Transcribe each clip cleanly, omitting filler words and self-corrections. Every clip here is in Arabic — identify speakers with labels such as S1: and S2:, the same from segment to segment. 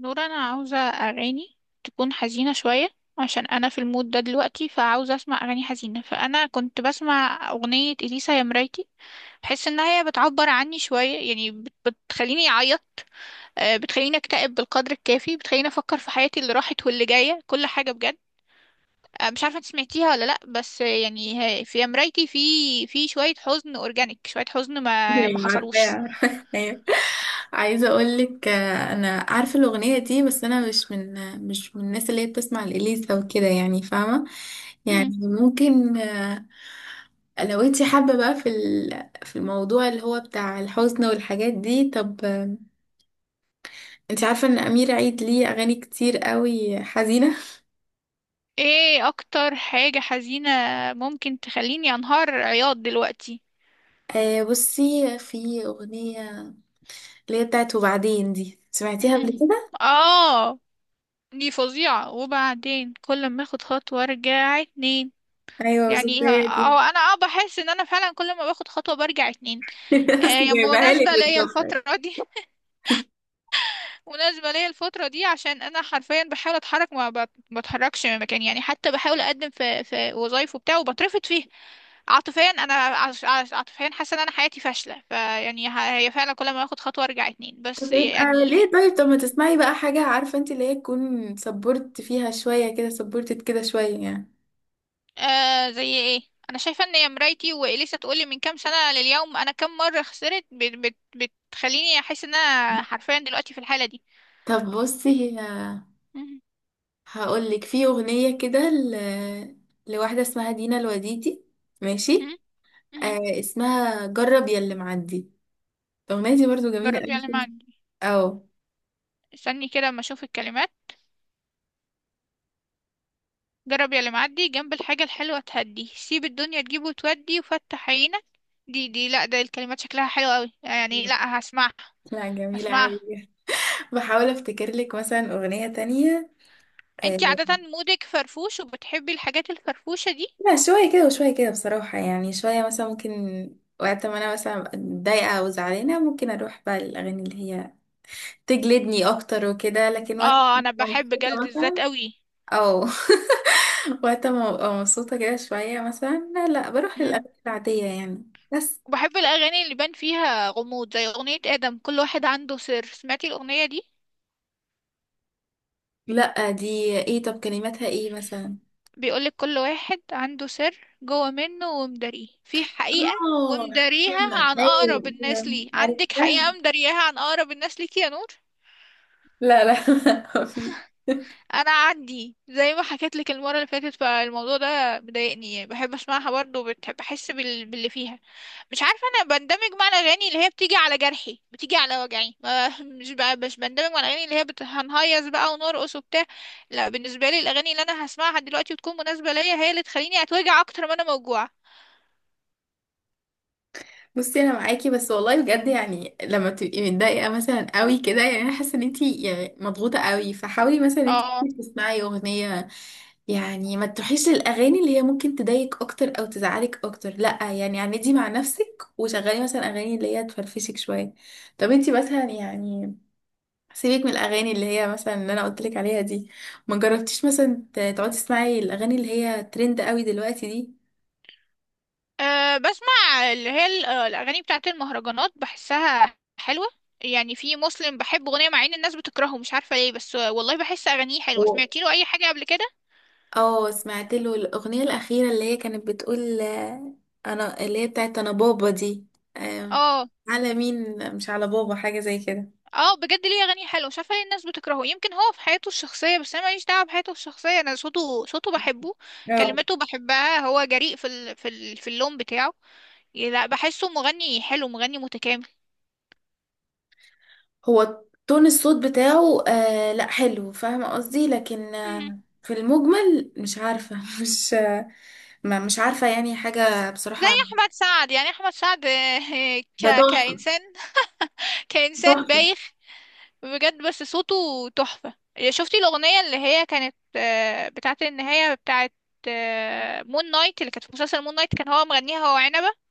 S1: نور انا عاوزة اغاني تكون حزينة شوية عشان انا في المود ده دلوقتي فعاوزة اسمع اغاني حزينة. فانا كنت بسمع اغنية اليسا يا مرايتي، بحس انها هي بتعبر عني شوية، يعني بتخليني اعيط. بتخليني اكتئب بالقدر الكافي، بتخليني افكر في حياتي اللي راحت واللي جاية، كل حاجة بجد. مش عارفة انت سمعتيها ولا لا، بس يعني في يا مرايتي في شوية حزن اورجانيك، شوية حزن ما
S2: ايوه، عارفاه
S1: حصلوش.
S2: عارفاه أيوة. عايزه اقول لك انا عارفه الاغنيه دي، بس انا مش من الناس اللي هي بتسمع الاليسا وكده، يعني فاهمه. يعني ممكن، لو انتي حابه بقى في الموضوع اللي هو بتاع الحزن والحاجات دي. طب انتي عارفه ان امير عيد ليه اغاني كتير قوي حزينه؟
S1: ايه اكتر حاجة حزينة ممكن تخليني انهار عياط دلوقتي؟
S2: بصي، في اغنيه اللي هي بتاعت وبعدين، دي سمعتيها قبل كده؟
S1: اه، دي فظيعة. وبعدين كل ما اخد خطوة ارجع اتنين،
S2: ايوه بالظبط،
S1: يعني اه.
S2: هي دي.
S1: أو انا اه بحس ان انا فعلا كل ما باخد خطوة برجع اتنين. آه
S2: بس
S1: يعني
S2: جايبها لك
S1: مناسبة ليا
S2: بالظبط.
S1: الفترة دي. مناسبة ليا الفترة دي عشان انا حرفيا بحاول اتحرك ما بت- بتحركش من مكاني. يعني حتى بحاول اقدم في وظايف وبتاع وبترفض فيها. عاطفيا انا عاطفيا حاسه ان انا حياتي فاشله. فيعني هي فعلا كل ما اخد خطوه ارجع اتنين، بس
S2: طب يبقى
S1: يعني.
S2: ليه؟ طيب ما تسمعي بقى حاجة، عارفة انت، اللي هي تكون سبورت فيها شوية كده، سبورتت كده شوية يعني.
S1: آه زي ايه؟ انا شايفه ان يا مرايتي واليسا تقولي من كام سنه لليوم انا كام مره خسرت بت بت بتخليني احس ان انا حرفيا دلوقتي في الحاله دي.
S2: طب بصي،
S1: مهم.
S2: هقولك في أغنية كده لواحدة اسمها دينا الوديدي، ماشي.
S1: مهم. مهم.
S2: اسمها جرب يا اللي معدي. الأغنية دي برضو جميلة
S1: جرب يا اللي
S2: أوي.
S1: معدي.
S2: اه.
S1: استني كده اما اشوف الكلمات. جرب يا اللي معدي جنب الحاجه الحلوه تهدي، سيب الدنيا تجيب وتودي وفتح عينك. دي لا، ده الكلمات شكلها حلو قوي يعني. لا، هسمعها.
S2: لا، جميلة أوي.
S1: هسمعها.
S2: بحاول افتكر لك مثلا أغنية تانية.
S1: انتي
S2: آه،
S1: عادة مودك فرفوش وبتحبي الحاجات الفرفوشة دي؟
S2: لا، شوية كده وشوية كده بصراحة يعني. شوية مثلا ممكن وقت ما أنا مثلا أبقى متضايقة أو زعلانة ممكن أروح بقى للأغاني اللي هي تجلدني أكتر وكده، لكن وقت ما
S1: اه انا
S2: أبقى
S1: بحب
S2: مبسوطة
S1: جلد الذات
S2: مثلا،
S1: قوي.
S2: أو وقت ما أبقى مبسوطة كده شوية مثلا، لا لا، بروح
S1: امم،
S2: للأغاني العادية يعني بس.
S1: وبحب الاغاني اللي بان فيها غموض، زي اغنية ادم كل واحد عنده سر. سمعتي الاغنية دي؟
S2: لا دي... ايه؟ طب كلماتها ايه مثلا؟
S1: بيقولك كل واحد عنده سر جوه منه ومداريه في حقيقة،
S2: اه،
S1: ومداريها
S2: عرفتها.
S1: عن
S2: ايوه،
S1: اقرب الناس
S2: ايوه،
S1: ليه. عندك
S2: عرفتها.
S1: حقيقة مدارياها عن اقرب الناس ليكي يا نور؟
S2: لا لا ما في.
S1: انا عندي، زي ما حكيت لك المرة اللي فاتت، فالموضوع ده مضايقني يعني، بحب اسمعها برضه وبتحب احس باللي فيها. مش عارفة، أنا بندمج مع الأغاني اللي هي بتيجي على جرحي، بتيجي على وجعي، ما مش بقى، مش بندمج مع الأغاني اللي هي هنهيص بقى ونرقص وبتاع. لا بالنسبة لي، الأغاني اللي أنا هسمعها دلوقتي وتكون مناسبة ليا هي اللي تخليني أتوجع أكتر ما أنا موجوعة.
S2: بصي، انا معاكي، بس والله بجد، يعني لما تبقي متضايقه مثلا قوي كده، يعني انا حاسه ان انتي يعني مضغوطه قوي، فحاولي مثلا انتي
S1: اه،
S2: تسمعي اغنيه، يعني ما تروحيش للاغاني اللي هي ممكن تضايقك اكتر او تزعلك اكتر، لا يعني. عندي مع نفسك وشغلي مثلا اغاني اللي هي تفرفشك شويه. طب انتي مثلا يعني، سيبك من الاغاني اللي هي مثلا اللي انا قلت لك عليها دي، ما جربتيش مثلا تقعدي تسمعي الاغاني اللي هي ترند قوي دلوقتي دي؟
S1: أه بسمع اللي هي الأغاني بتاعت المهرجانات، بحسها حلوة. يعني في مسلم بحب أغنية مع إن الناس بتكرهه، مش عارفة ليه، بس والله بحس أغانيه حلوة. سمعتي له أي حاجة قبل كده؟
S2: اه، سمعت له الاغنيه الاخيره اللي هي كانت بتقول، انا، اللي هي بتاعت انا بابا دي. آم،
S1: اه
S2: على مين مش على بابا، حاجه زي كده.
S1: اه. بجد ليه اغاني حلوه، مش عارفه ليه الناس بتكرهه، يمكن هو في حياته الشخصيه، بس انا ماليش دعوه بحياته الشخصيه. انا صوته، بحبه،
S2: اه،
S1: كلماته بحبها، هو جريء في اللون بتاعه. لا بحسه مغني حلو، مغني متكامل.
S2: هو تون الصوت بتاعه لا حلو، فاهمة قصدي، لكن
S1: مهم.
S2: في المجمل مش عارفة مش. ما مش عارفة يعني حاجة
S1: زي
S2: بصراحة.
S1: احمد سعد، يعني احمد سعد
S2: ده تحفة.
S1: كانسان كانسان
S2: تحفة.
S1: بايخ بجد، بس صوته تحفه. شفتي الاغنيه اللي هي كانت بتاعه النهايه بتاعه مون نايت، اللي كانت في مسلسل مون نايت كان هو مغنيها، هو عنبه؟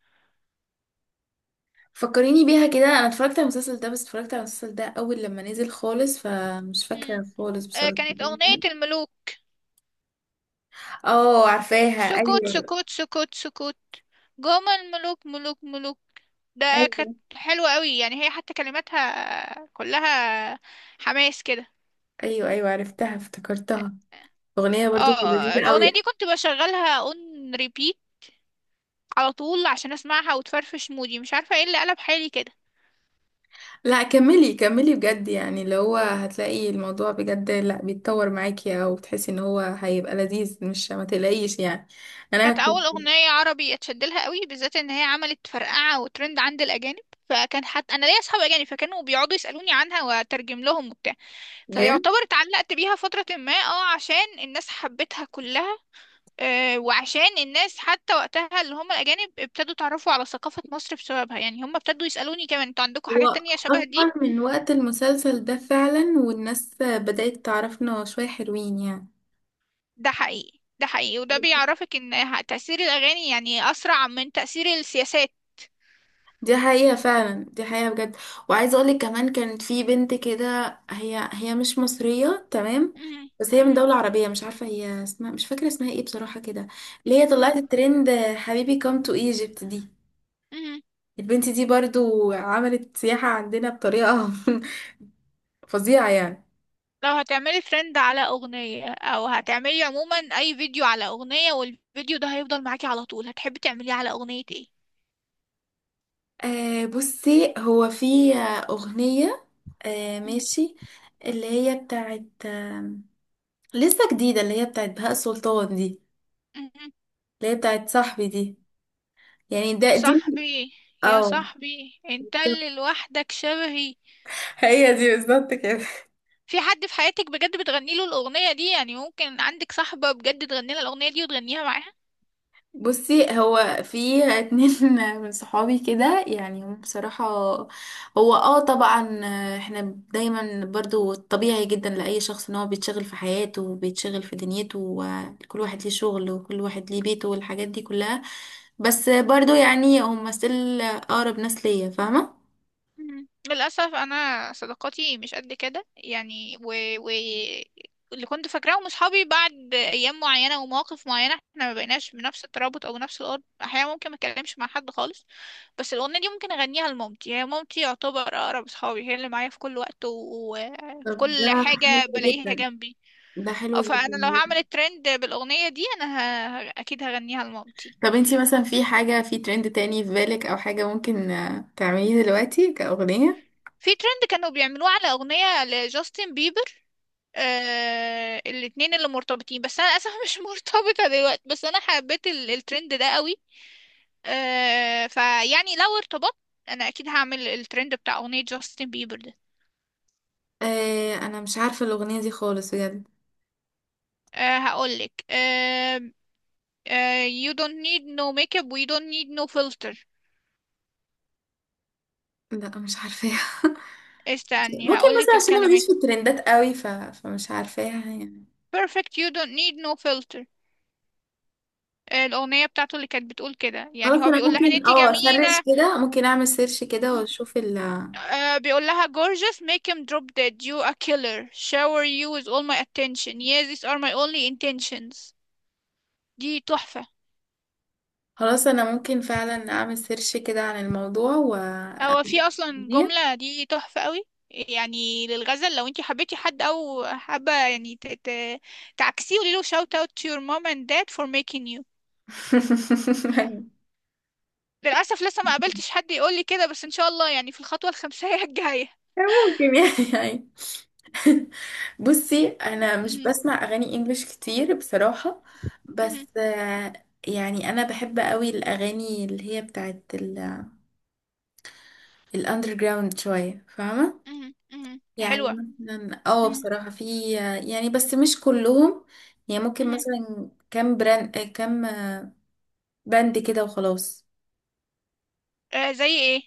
S2: فكريني بيها كده، انا اتفرجت على المسلسل ده، بس اتفرجت على المسلسل ده اول لما نزل خالص، فمش
S1: مم.
S2: فاكرة خالص بصراحة.
S1: كانت أغنية الملوك.
S2: اه، عارفاها.
S1: سكوت
S2: ايوه
S1: سكوت سكوت سكوت، جم الملوك ملوك ملوك. ده
S2: ايوه
S1: كانت حلوة قوي، يعني هي حتى كلماتها كلها حماس كده.
S2: ايوه ايوه، عرفتها، افتكرتها. اغنيه برضو
S1: اه
S2: لذيذه
S1: الأغنية دي
S2: قوي.
S1: كنت بشغلها اون ريبيت على طول عشان اسمعها وتفرفش مودي، مش عارفة ايه اللي قلب حالي كده.
S2: لا كملي كملي بجد، يعني اللي هو هتلاقي الموضوع بجد، لا بيتطور معاكي او بتحسي ان هو هيبقى لذيذ، مش ما تقلقيش يعني. انا
S1: كانت أول
S2: كنت
S1: أغنية عربي اتشدلها قوي، بالذات إن هي عملت فرقعة وترند عند الأجانب. فكان حتى أنا ليا أصحاب أجانب، فكانوا بيقعدوا يسألوني عنها وأترجم لهم وبتاع.
S2: بجد،
S1: فيعتبر اتعلقت بيها فترة ما، اه، عشان الناس حبتها كلها. وعشان الناس حتى وقتها اللي هم الأجانب ابتدوا يتعرفوا على ثقافة مصر بسببها، يعني هم ابتدوا يسألوني كمان انتوا عندكم
S2: هو
S1: حاجات تانية شبه دي.
S2: اصلا من وقت المسلسل ده فعلا، والناس بدأت تعرفنا شويه، حلوين يعني.
S1: ده حقيقي، ده حقيقي، وده بيعرفك ان تأثير الأغاني يعني أسرع من تأثير السياسات.
S2: دي حقيقة فعلا، دي حقيقة بجد. وعايزة اقولك كمان، كانت في بنت كده، هي هي مش مصرية تمام،
S1: مم،
S2: بس هي من
S1: مم،
S2: دولة عربية، مش عارفة هي اسمها، مش فاكرة اسمها ايه بصراحة كده، اللي هي طلعت
S1: مم،
S2: الترند حبيبي كام تو ايجيبت دي.
S1: مم.
S2: البنت دي برضو عملت سياحة عندنا بطريقة فظيعة يعني.
S1: لو هتعملي ترند على أغنية، أو هتعملي عموما أي فيديو على أغنية والفيديو ده هيفضل معاكي على طول، هتحبي تعمليه على أغنية ايه؟
S2: بصي، هو في أغنية،
S1: مم.
S2: ماشي، اللي هي بتاعت لسه جديدة، اللي هي بتاعت بهاء سلطان دي،
S1: مم.
S2: اللي هي بتاعت صاحبي دي، يعني دي.
S1: صاحبي. يا
S2: اه،
S1: صاحبي انت
S2: بالظبط.
S1: اللي لوحدك شبهي.
S2: هي دي بالظبط كده.
S1: في حد في حياتك بجد بتغني له الأغنية دي؟ يعني ممكن عندك صاحبة بجد تغني لها الأغنية دي وتغنيها معاها؟
S2: بصي، هو في اتنين من صحابي كده، يعني هم بصراحة، هو طبعا احنا دايما برضو، طبيعي جدا لأي شخص ان هو بيتشغل في حياته وبيتشغل في دنيته، وكل واحد ليه شغل وكل واحد ليه بيته والحاجات دي كلها، بس برضو يعني هم still أقرب ناس ليا، فاهمة؟
S1: مم. للأسف أنا صداقاتي مش قد كده يعني، و... اللي كنت فاكراه من صحابي بعد أيام معينة ومواقف معينة احنا ما بقيناش بنفس الترابط أو نفس الأرض، أحيانا ممكن ما أتكلمش مع حد خالص. بس الأغنية دي ممكن أغنيها لمامتي، هي مامتي يعتبر أقرب صحابي، هي اللي معايا في كل وقت وفي
S2: طب ده
S1: كل حاجة
S2: حلو
S1: بلاقيها
S2: جدا،
S1: جنبي.
S2: ده حلو
S1: أو فأنا لو
S2: جدا.
S1: هعمل الترند بالأغنية دي أنا أكيد هغنيها لمامتي.
S2: طب انتي مثلا في حاجة في ترند تاني في بالك، او حاجة ممكن تعمليه دلوقتي كأغنية؟
S1: في ترند كانوا بيعملوه على أغنية لجاستن بيبر، آه الاتنين اللي مرتبطين، بس انا للاسف مش مرتبطة دلوقتي، بس انا حبيت الترند ده قوي. آه فيعني لو ارتبطت انا اكيد هعمل الترند بتاع اغنية جاستن بيبر ده.
S2: انا مش عارفه الاغنيه دي خالص بجد.
S1: آه هقولك آه. آه you don't need no makeup we don't need no filter.
S2: لا مش عارفاها
S1: استني
S2: ممكن مثلا
S1: هقولك
S2: عشان انا
S1: الكلمات.
S2: ماليش في الترندات قوي، فمش عارفاها يعني.
S1: Perfect you don't need no filter. الأغنية بتاعته اللي كانت بتقول كده، يعني
S2: خلاص،
S1: هو
S2: انا
S1: بيقول لها ان
S2: ممكن
S1: انتي
S2: اسرش
S1: جميلة.
S2: كده، ممكن اعمل سيرش كده واشوف ال...
S1: آه بيقول لها gorgeous make him drop dead you a killer shower you with all my attention yeah these are my only intentions. دي تحفة.
S2: خلاص انا ممكن فعلا اعمل سيرش كده عن الموضوع و...
S1: هو في أصلا جملة دي تحفة قوي. يعني للغزل، لو انتي حبيتي حد أو حابة يعني تعكسيه، قولي له shout out to your mom and dad for making you. للأسف لسه ما
S2: دي
S1: قابلتش حد يقول لي كده، بس إن شاء الله يعني في الخطوة الخمسية الجاية.
S2: ممكن يعني بصي، انا مش
S1: مهم.
S2: بسمع اغاني انجليش كتير بصراحة،
S1: مهم.
S2: بس يعني انا بحب قوي الاغاني اللي هي بتاعت الاندر جراوند شوية، فاهمة
S1: مهم. مهم.
S2: يعني.
S1: حلوة.
S2: مثلا
S1: مهم.
S2: بصراحة في يعني، بس مش كلهم. يعني ممكن
S1: مهم.
S2: مثلا كام براند آه، كام باند كده وخلاص.
S1: آه زي ايه؟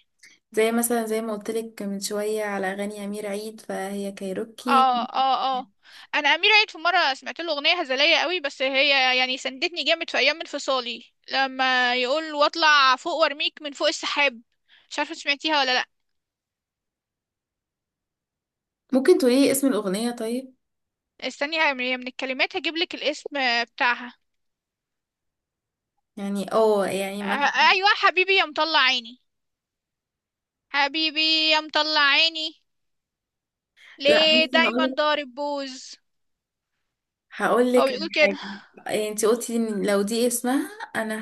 S2: زي مثلا زي ما قلت لك من شوية على اغاني امير عيد، فهي كايروكي.
S1: اه اه اه. انا امير عيد في مره سمعت له اغنيه هزليه قوي، بس هي يعني سندتني جامد في ايام انفصالي. لما يقول واطلع فوق وارميك من فوق السحاب. مش عارفه سمعتيها ولا لا.
S2: ممكن تقولي اسم الاغنية طيب؟
S1: استني، هي من الكلمات هجيب لك الاسم بتاعها.
S2: يعني يعني
S1: آه،
S2: ما...
S1: ايوه، حبيبي يا مطلع عيني. حبيبي يا مطلع عيني
S2: لا
S1: ليه
S2: بس
S1: دايما
S2: هقولك
S1: ضارب بوز. هو
S2: هقولك على
S1: بيقول كده.
S2: حاجة. يعني انتي قلتي ان لو دي اسمها، انا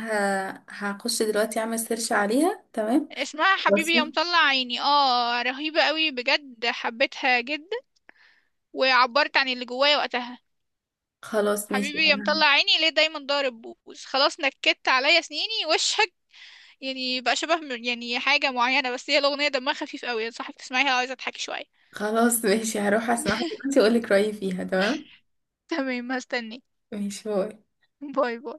S2: هخش دلوقتي اعمل سيرش عليها، تمام،
S1: اسمها حبيبي
S2: واسمع.
S1: يا مطلع عيني، اه رهيبه قوي بجد، حبيتها جدا وعبرت عن اللي جوايا وقتها.
S2: خلاص ماشي
S1: حبيبي يا
S2: انا...
S1: مطلع عيني ليه دايما ضارب بوز خلاص نكدت عليا سنيني وشك. يعني بقى شبه يعني حاجة معينة، بس هي الأغنية دمها خفيف قوي، انصحك تسمعيها لو عايزة تضحكي شوية.
S2: خلاص ماشي، هروح اسمعها دلوقتي اقولك رأيي فيها. تمام،
S1: تمام هستني.
S2: ماشي، باي.
S1: باي باي.